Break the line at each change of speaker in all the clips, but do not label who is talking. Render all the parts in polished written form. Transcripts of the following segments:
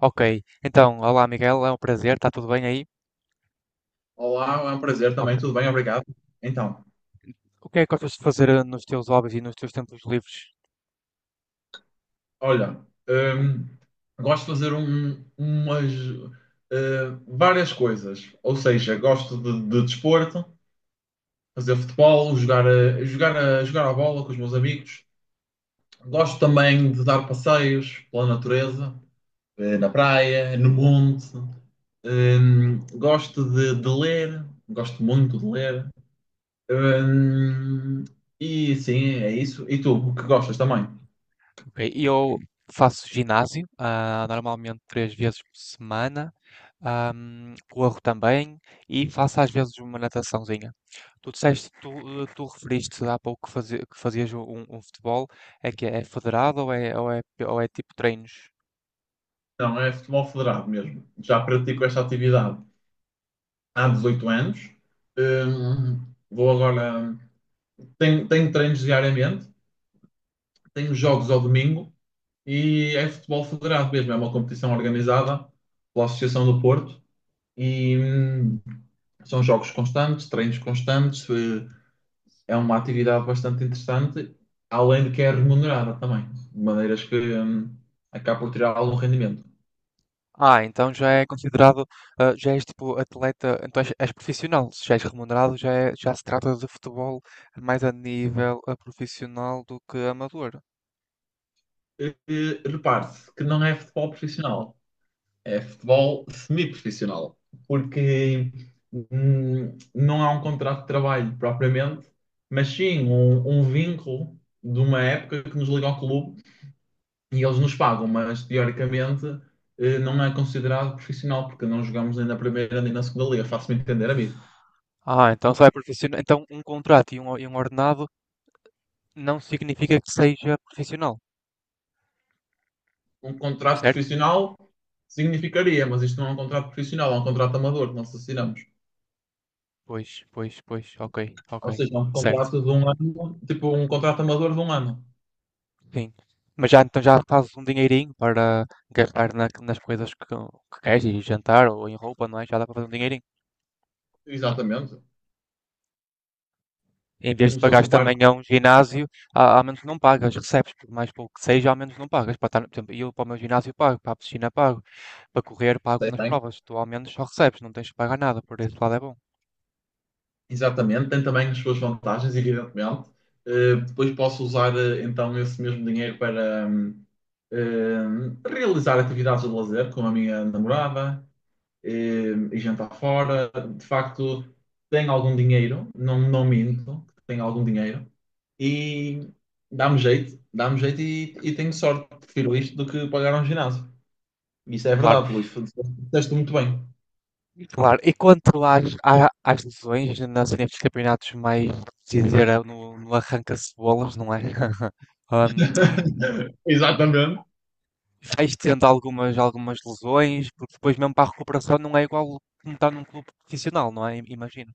Ok, então, olá Miguel, é um prazer, está tudo bem aí?
Olá, é um prazer
Ok.
também, tudo bem, obrigado. Então,
O que é que gostas de fazer nos teus hobbies e nos teus tempos livres?
olha, hum, gosto de fazer umas várias coisas, ou seja, gosto de desporto, fazer futebol, jogar a bola com os meus amigos. Gosto também de dar passeios pela natureza, na praia, no monte. Gosto de ler, gosto muito de ler. Hum, e sim, é isso. E tu, o que gostas também?
Ok, eu faço ginásio, normalmente três vezes por semana, corro também e faço às vezes uma nataçãozinha. Tu disseste, tu, eh, tu referiste há pouco que, fazias um futebol, é que é federado ou é tipo treinos?
Não, é futebol federado mesmo. Já pratico esta atividade há 18 anos. Vou agora. Tenho treinos diariamente, tenho jogos ao domingo e é futebol federado mesmo. É uma competição organizada pela Associação do Porto e são jogos constantes, treinos constantes. É uma atividade bastante interessante, além de que é remunerada também, de maneiras que acaba por tirar algum rendimento.
Ah, então já é considerado, ah, já és tipo atleta, então és profissional, se já és remunerado, já, já se trata de futebol mais a nível profissional do que amador.
Repare-se que não é futebol profissional, é futebol semi-profissional, porque não há um contrato de trabalho propriamente, mas sim um vínculo de uma época que nos liga ao clube e eles nos pagam, mas teoricamente não é considerado profissional, porque não jogamos nem na primeira nem na segunda liga, faço-me entender, amigo.
Ah, então só é profissional. Então um contrato e um ordenado não significa que seja profissional,
Um contrato
certo?
profissional significaria, mas isto não é um contrato profissional, é um contrato amador que nós assinamos.
Pois, pois, pois, ok, ok,
Ou seja, um
certo.
contrato de um ano, tipo um contrato amador de um ano.
Sim. Mas já então já fazes um dinheirinho para gastar nas coisas que queres e jantar ou em roupa, não é? Já dá para fazer um dinheirinho.
Exatamente.
Em vez de
Como se fosse
pagares
um par
também a um ginásio, ao menos não pagas, recebes, por mais pouco que seja, ao menos não pagas. Para estar, por exemplo, eu para o meu ginásio pago, para a piscina pago, para correr pago
de
nas
tem.
provas. Tu ao menos só recebes, não tens de pagar nada, por esse lado é bom.
Exatamente. Tem também as suas vantagens, evidentemente. Depois posso usar então esse mesmo dinheiro para realizar atividades de lazer com a minha namorada e jantar fora. De facto, tenho algum dinheiro, não minto, tenho algum dinheiro e dá-me jeito e tenho sorte, prefiro isto do que pagar um ginásio. Isso é
Claro,
verdade, Luís. Disseste muito bem.
claro. E quanto às, às lesões nas, nestes campeonatos mais, se dizer, no, no arranca-cebolas, não é? Ahm,
Exatamente.
vais tendo algumas, algumas lesões, porque depois mesmo para a recuperação não é igual como estar num clube profissional, não é? Imagino.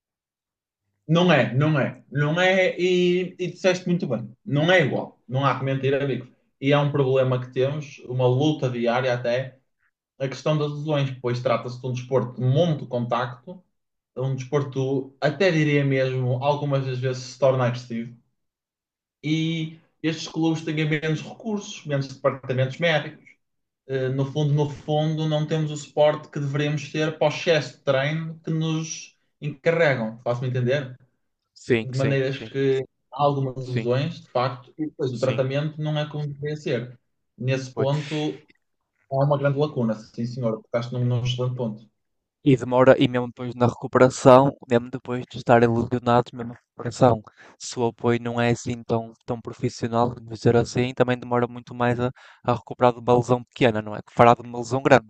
Não é, e disseste muito bem. Não é igual. Não há que mentir, amigos. E é um problema que temos, uma luta diária até, a questão das lesões, pois trata-se de um desporto de muito contacto, um desporto, até diria mesmo, algumas das vezes se torna agressivo. E estes clubes têm menos recursos, menos departamentos médicos no fundo, não temos o suporte que deveríamos ter para o excesso de treino que nos encarregam, faço-me entender?
Sim,
De
sim,
maneiras
sim,
que há algumas
sim,
lesões, de facto, e depois o
sim.
tratamento não é como deveria ser. Nesse
Pois.
ponto, há uma grande lacuna, sim senhor, tocaste num excelente ponto.
E demora, e mesmo depois na recuperação, mesmo depois de estarem lesionados, mesmo a recuperação, se o apoio não é assim tão, tão profissional, vamos dizer assim, também demora muito mais a recuperar de uma lesão pequena, não é? Que fará de uma lesão grande,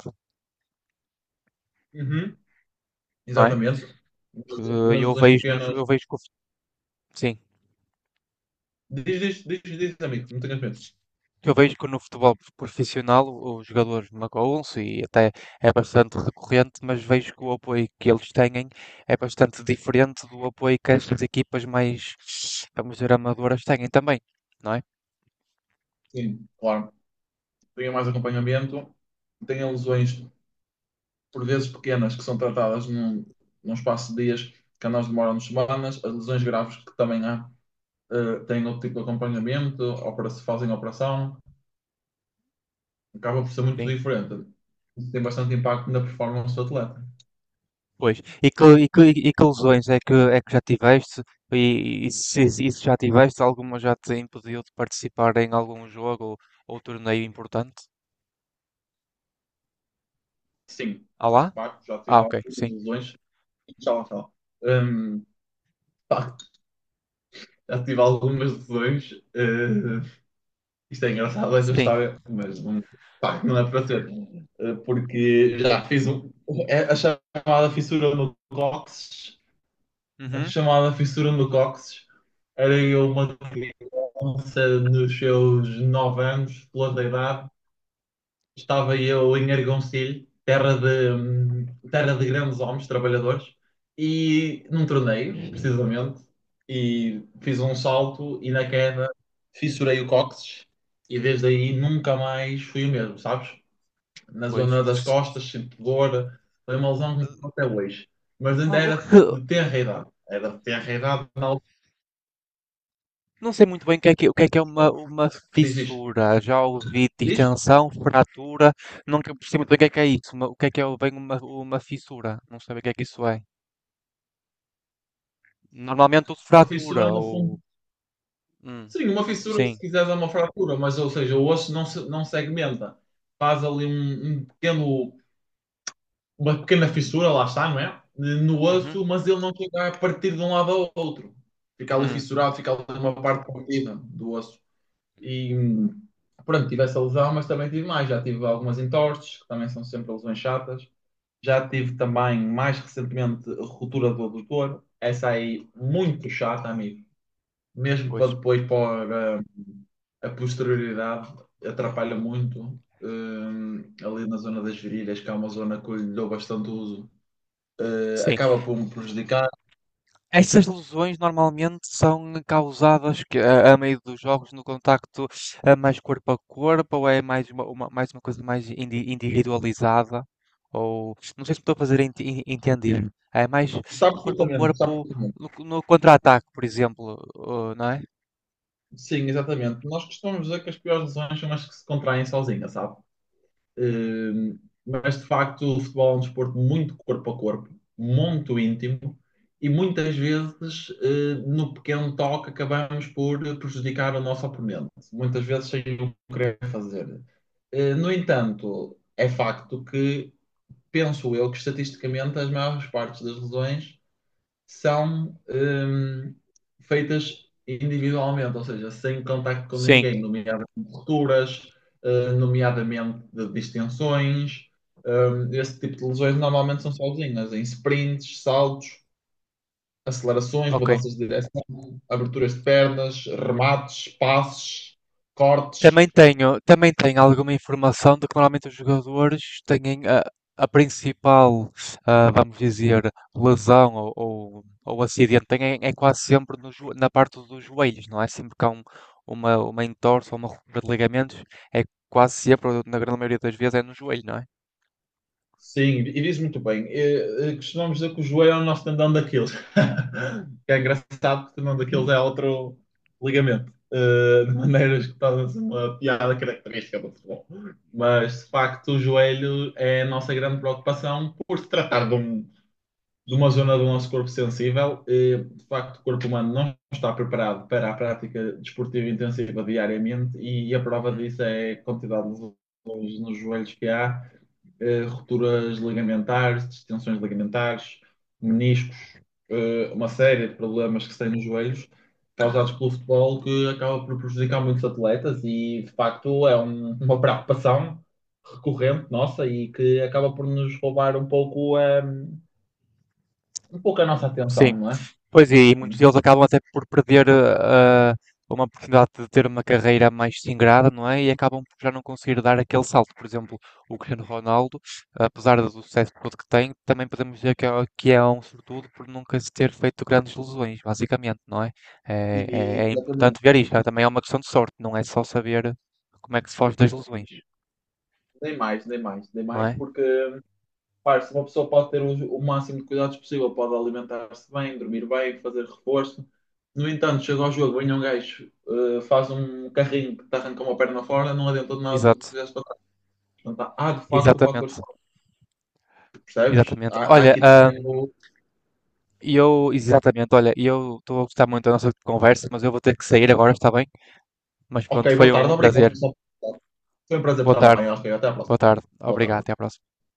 Uhum,
não é?
exatamente.
Que
Nas
eu
lesões
vejo, nos-
pequenas.
eu vejo que o sim.
Diz, amigo, não tenhas medo.
Eu vejo que no futebol profissional os jogadores magoam-se e até é bastante recorrente, mas vejo que o apoio que eles têm é bastante diferente do apoio que estas equipas mais, vamos dizer, amadoras têm também, não é?
Sim, claro. Tenha mais acompanhamento, tenha lesões por vezes pequenas, que são tratadas num espaço de dias, que a nós demoram semanas, as lesões graves que também há, têm outro tipo de acompanhamento, opera se fazem operação, acaba por ser muito
Sim,
diferente. Isso tem bastante impacto na performance do atleta.
pois. E que, e que, e que lesões é que já tiveste? E se, se já tiveste, alguma já te impediu de participar em algum jogo ou torneio importante?
Sim,
Ah
de
lá?
facto, já tive
Ah, ok,
algumas
sim.
lesões. Tchau, tchau. De facto, já tive algumas lesões. Isto é engraçado, esta
Sim.
história, mas não, pá, não é para ser. Porque já fiz um, é a chamada fissura no cóccix. A
Uhum,
chamada fissura no cóccix era eu uma criança nos seus 9 anos, pela da idade, estava eu em Argoncilho, terra de grandes homens, trabalhadores, e num torneio, precisamente, e fiz um salto e na queda fissurei o cóccix e desde aí nunca mais fui o mesmo, sabes? Na zona das
pois.
costas, sinto dor, foi uma lesão que me ficou até hoje, mas
O
ainda
o
era
que,
de tenra idade, era de tenra idade na altura.
não sei muito bem o que é que, o que é uma
Diz, diz,
fissura. Já ouvi
diz,
distensão, fratura. Nunca percebi muito bem o que é isso. O que é bem uma fissura? Não sei bem o que é que isso é. Normalmente uso
uma fissura
fratura
no fundo.
ou. Hum,
Sim, uma fissura, se
sim.
quiseres, é uma fratura, mas, ou seja, o osso não, não segmenta. Faz ali um pequeno, uma pequena fissura, lá está, não é? No
Uhum.
osso, mas ele não chega a partir de um lado ao outro. Fica ali
Hum,
fissurado, fica ali uma parte partida do osso. E, pronto, tive essa lesão, mas também tive mais. Já tive algumas entorses, que também são sempre lesões chatas. Já tive também, mais recentemente, a ruptura do adutor. Essa aí, muito chata, amigo, mesmo
pois.
para depois para a posterioridade, atrapalha muito ali na zona das virilhas, que é uma zona que eu lhe dou bastante uso,
Sim.
acaba por me prejudicar.
Essas lesões normalmente são causadas a meio dos jogos no contacto mais corpo a corpo ou é mais uma, mais uma coisa mais individualizada? Ou não sei se me estou a fazer entender. É mais
Está
no corpo a
perfeitamente, está
corpo,
perfeitamente.
no, no contra-ataque, por exemplo, não é?
Sim, exatamente. Nós costumamos dizer que as piores lesões são as que se contraem sozinhas, sabe?
Hum,
Eh, mas de facto o futebol é um desporto muito corpo a corpo, muito íntimo e muitas vezes no pequeno toque acabamos por prejudicar o nosso oponente, muitas vezes sem o querer fazer. No entanto, é facto que penso eu que estatisticamente as maiores partes das lesões são feitas individualmente, ou seja, sem contacto com
Sim,
ninguém, nomeadamente rupturas, nomeadamente de distensões. Esse tipo de lesões normalmente são sozinhas, em sprints, saltos, acelerações,
ok.
mudanças de direção, aberturas de pernas, remates, passes, cortes.
Também tenho alguma informação de que normalmente os jogadores têm a principal, vamos dizer, lesão ou acidente, têm, é quase sempre no na parte dos joelhos, não é? Sempre que há uma entorse ou uma ruptura de ligamentos, é quase sempre, ou na grande maioria das vezes, é no joelho, não é?
Sim, e diz muito bem. Costumamos dizer que o joelho é o nosso tendão daquilo. Que é engraçado que o tendão daquilo é outro ligamento. De maneiras que torna-se uma piada característica do futebol. Mas, de facto, o joelho é a nossa grande preocupação por se tratar de, de uma zona do nosso corpo sensível. De facto, o corpo humano não está preparado para a prática desportiva intensiva diariamente e a prova
Uhum.
disso é a quantidade de lesões nos joelhos que há, rupturas ligamentares, distensões ligamentares, meniscos, uma série de problemas que se têm nos joelhos, causados pelo futebol, que acaba por prejudicar muitos atletas e, de facto, é uma preocupação recorrente nossa e que acaba por nos roubar um pouco, um pouco a nossa atenção,
Sim.
não é?
Pois é, e muitos deles acabam até por perder uma oportunidade de ter uma carreira mais singrada, não é? E acabam por já não conseguir dar aquele salto. Por exemplo, o Cristiano Ronaldo, apesar do sucesso todo que tem, também podemos dizer que é um sortudo por nunca se ter feito grandes lesões, basicamente, não é? É,
E,
é importante
exatamente.
ver isto. Também é uma questão de sorte, não é só saber como é que se foge das lesões,
Nem mais, nem mais, nem
não
mais,
é?
porque claro, se uma pessoa pode ter o máximo de cuidados possível, pode alimentar-se bem, dormir bem, fazer reforço. No entanto, chega ao jogo, vem um gajo, faz um carrinho que te arranca uma perna fora, não adianta de nada do que
Exato.
fizeste para trás. Portanto, há, de facto o fator
Exatamente.
sorte, percebes?
Exatamente.
Há, há
Olha,
aqui também o.
E eu estou a gostar muito da nossa conversa, mas eu vou ter que sair agora, está bem? Mas
Ok,
pronto, foi
boa tarde,
um
obrigado,
prazer.
pessoal. Foi um prazer
Boa
estar
tarde,
bem, ok, até à próxima.
boa tarde.
Boa
Obrigado, até
tarde.
à próxima.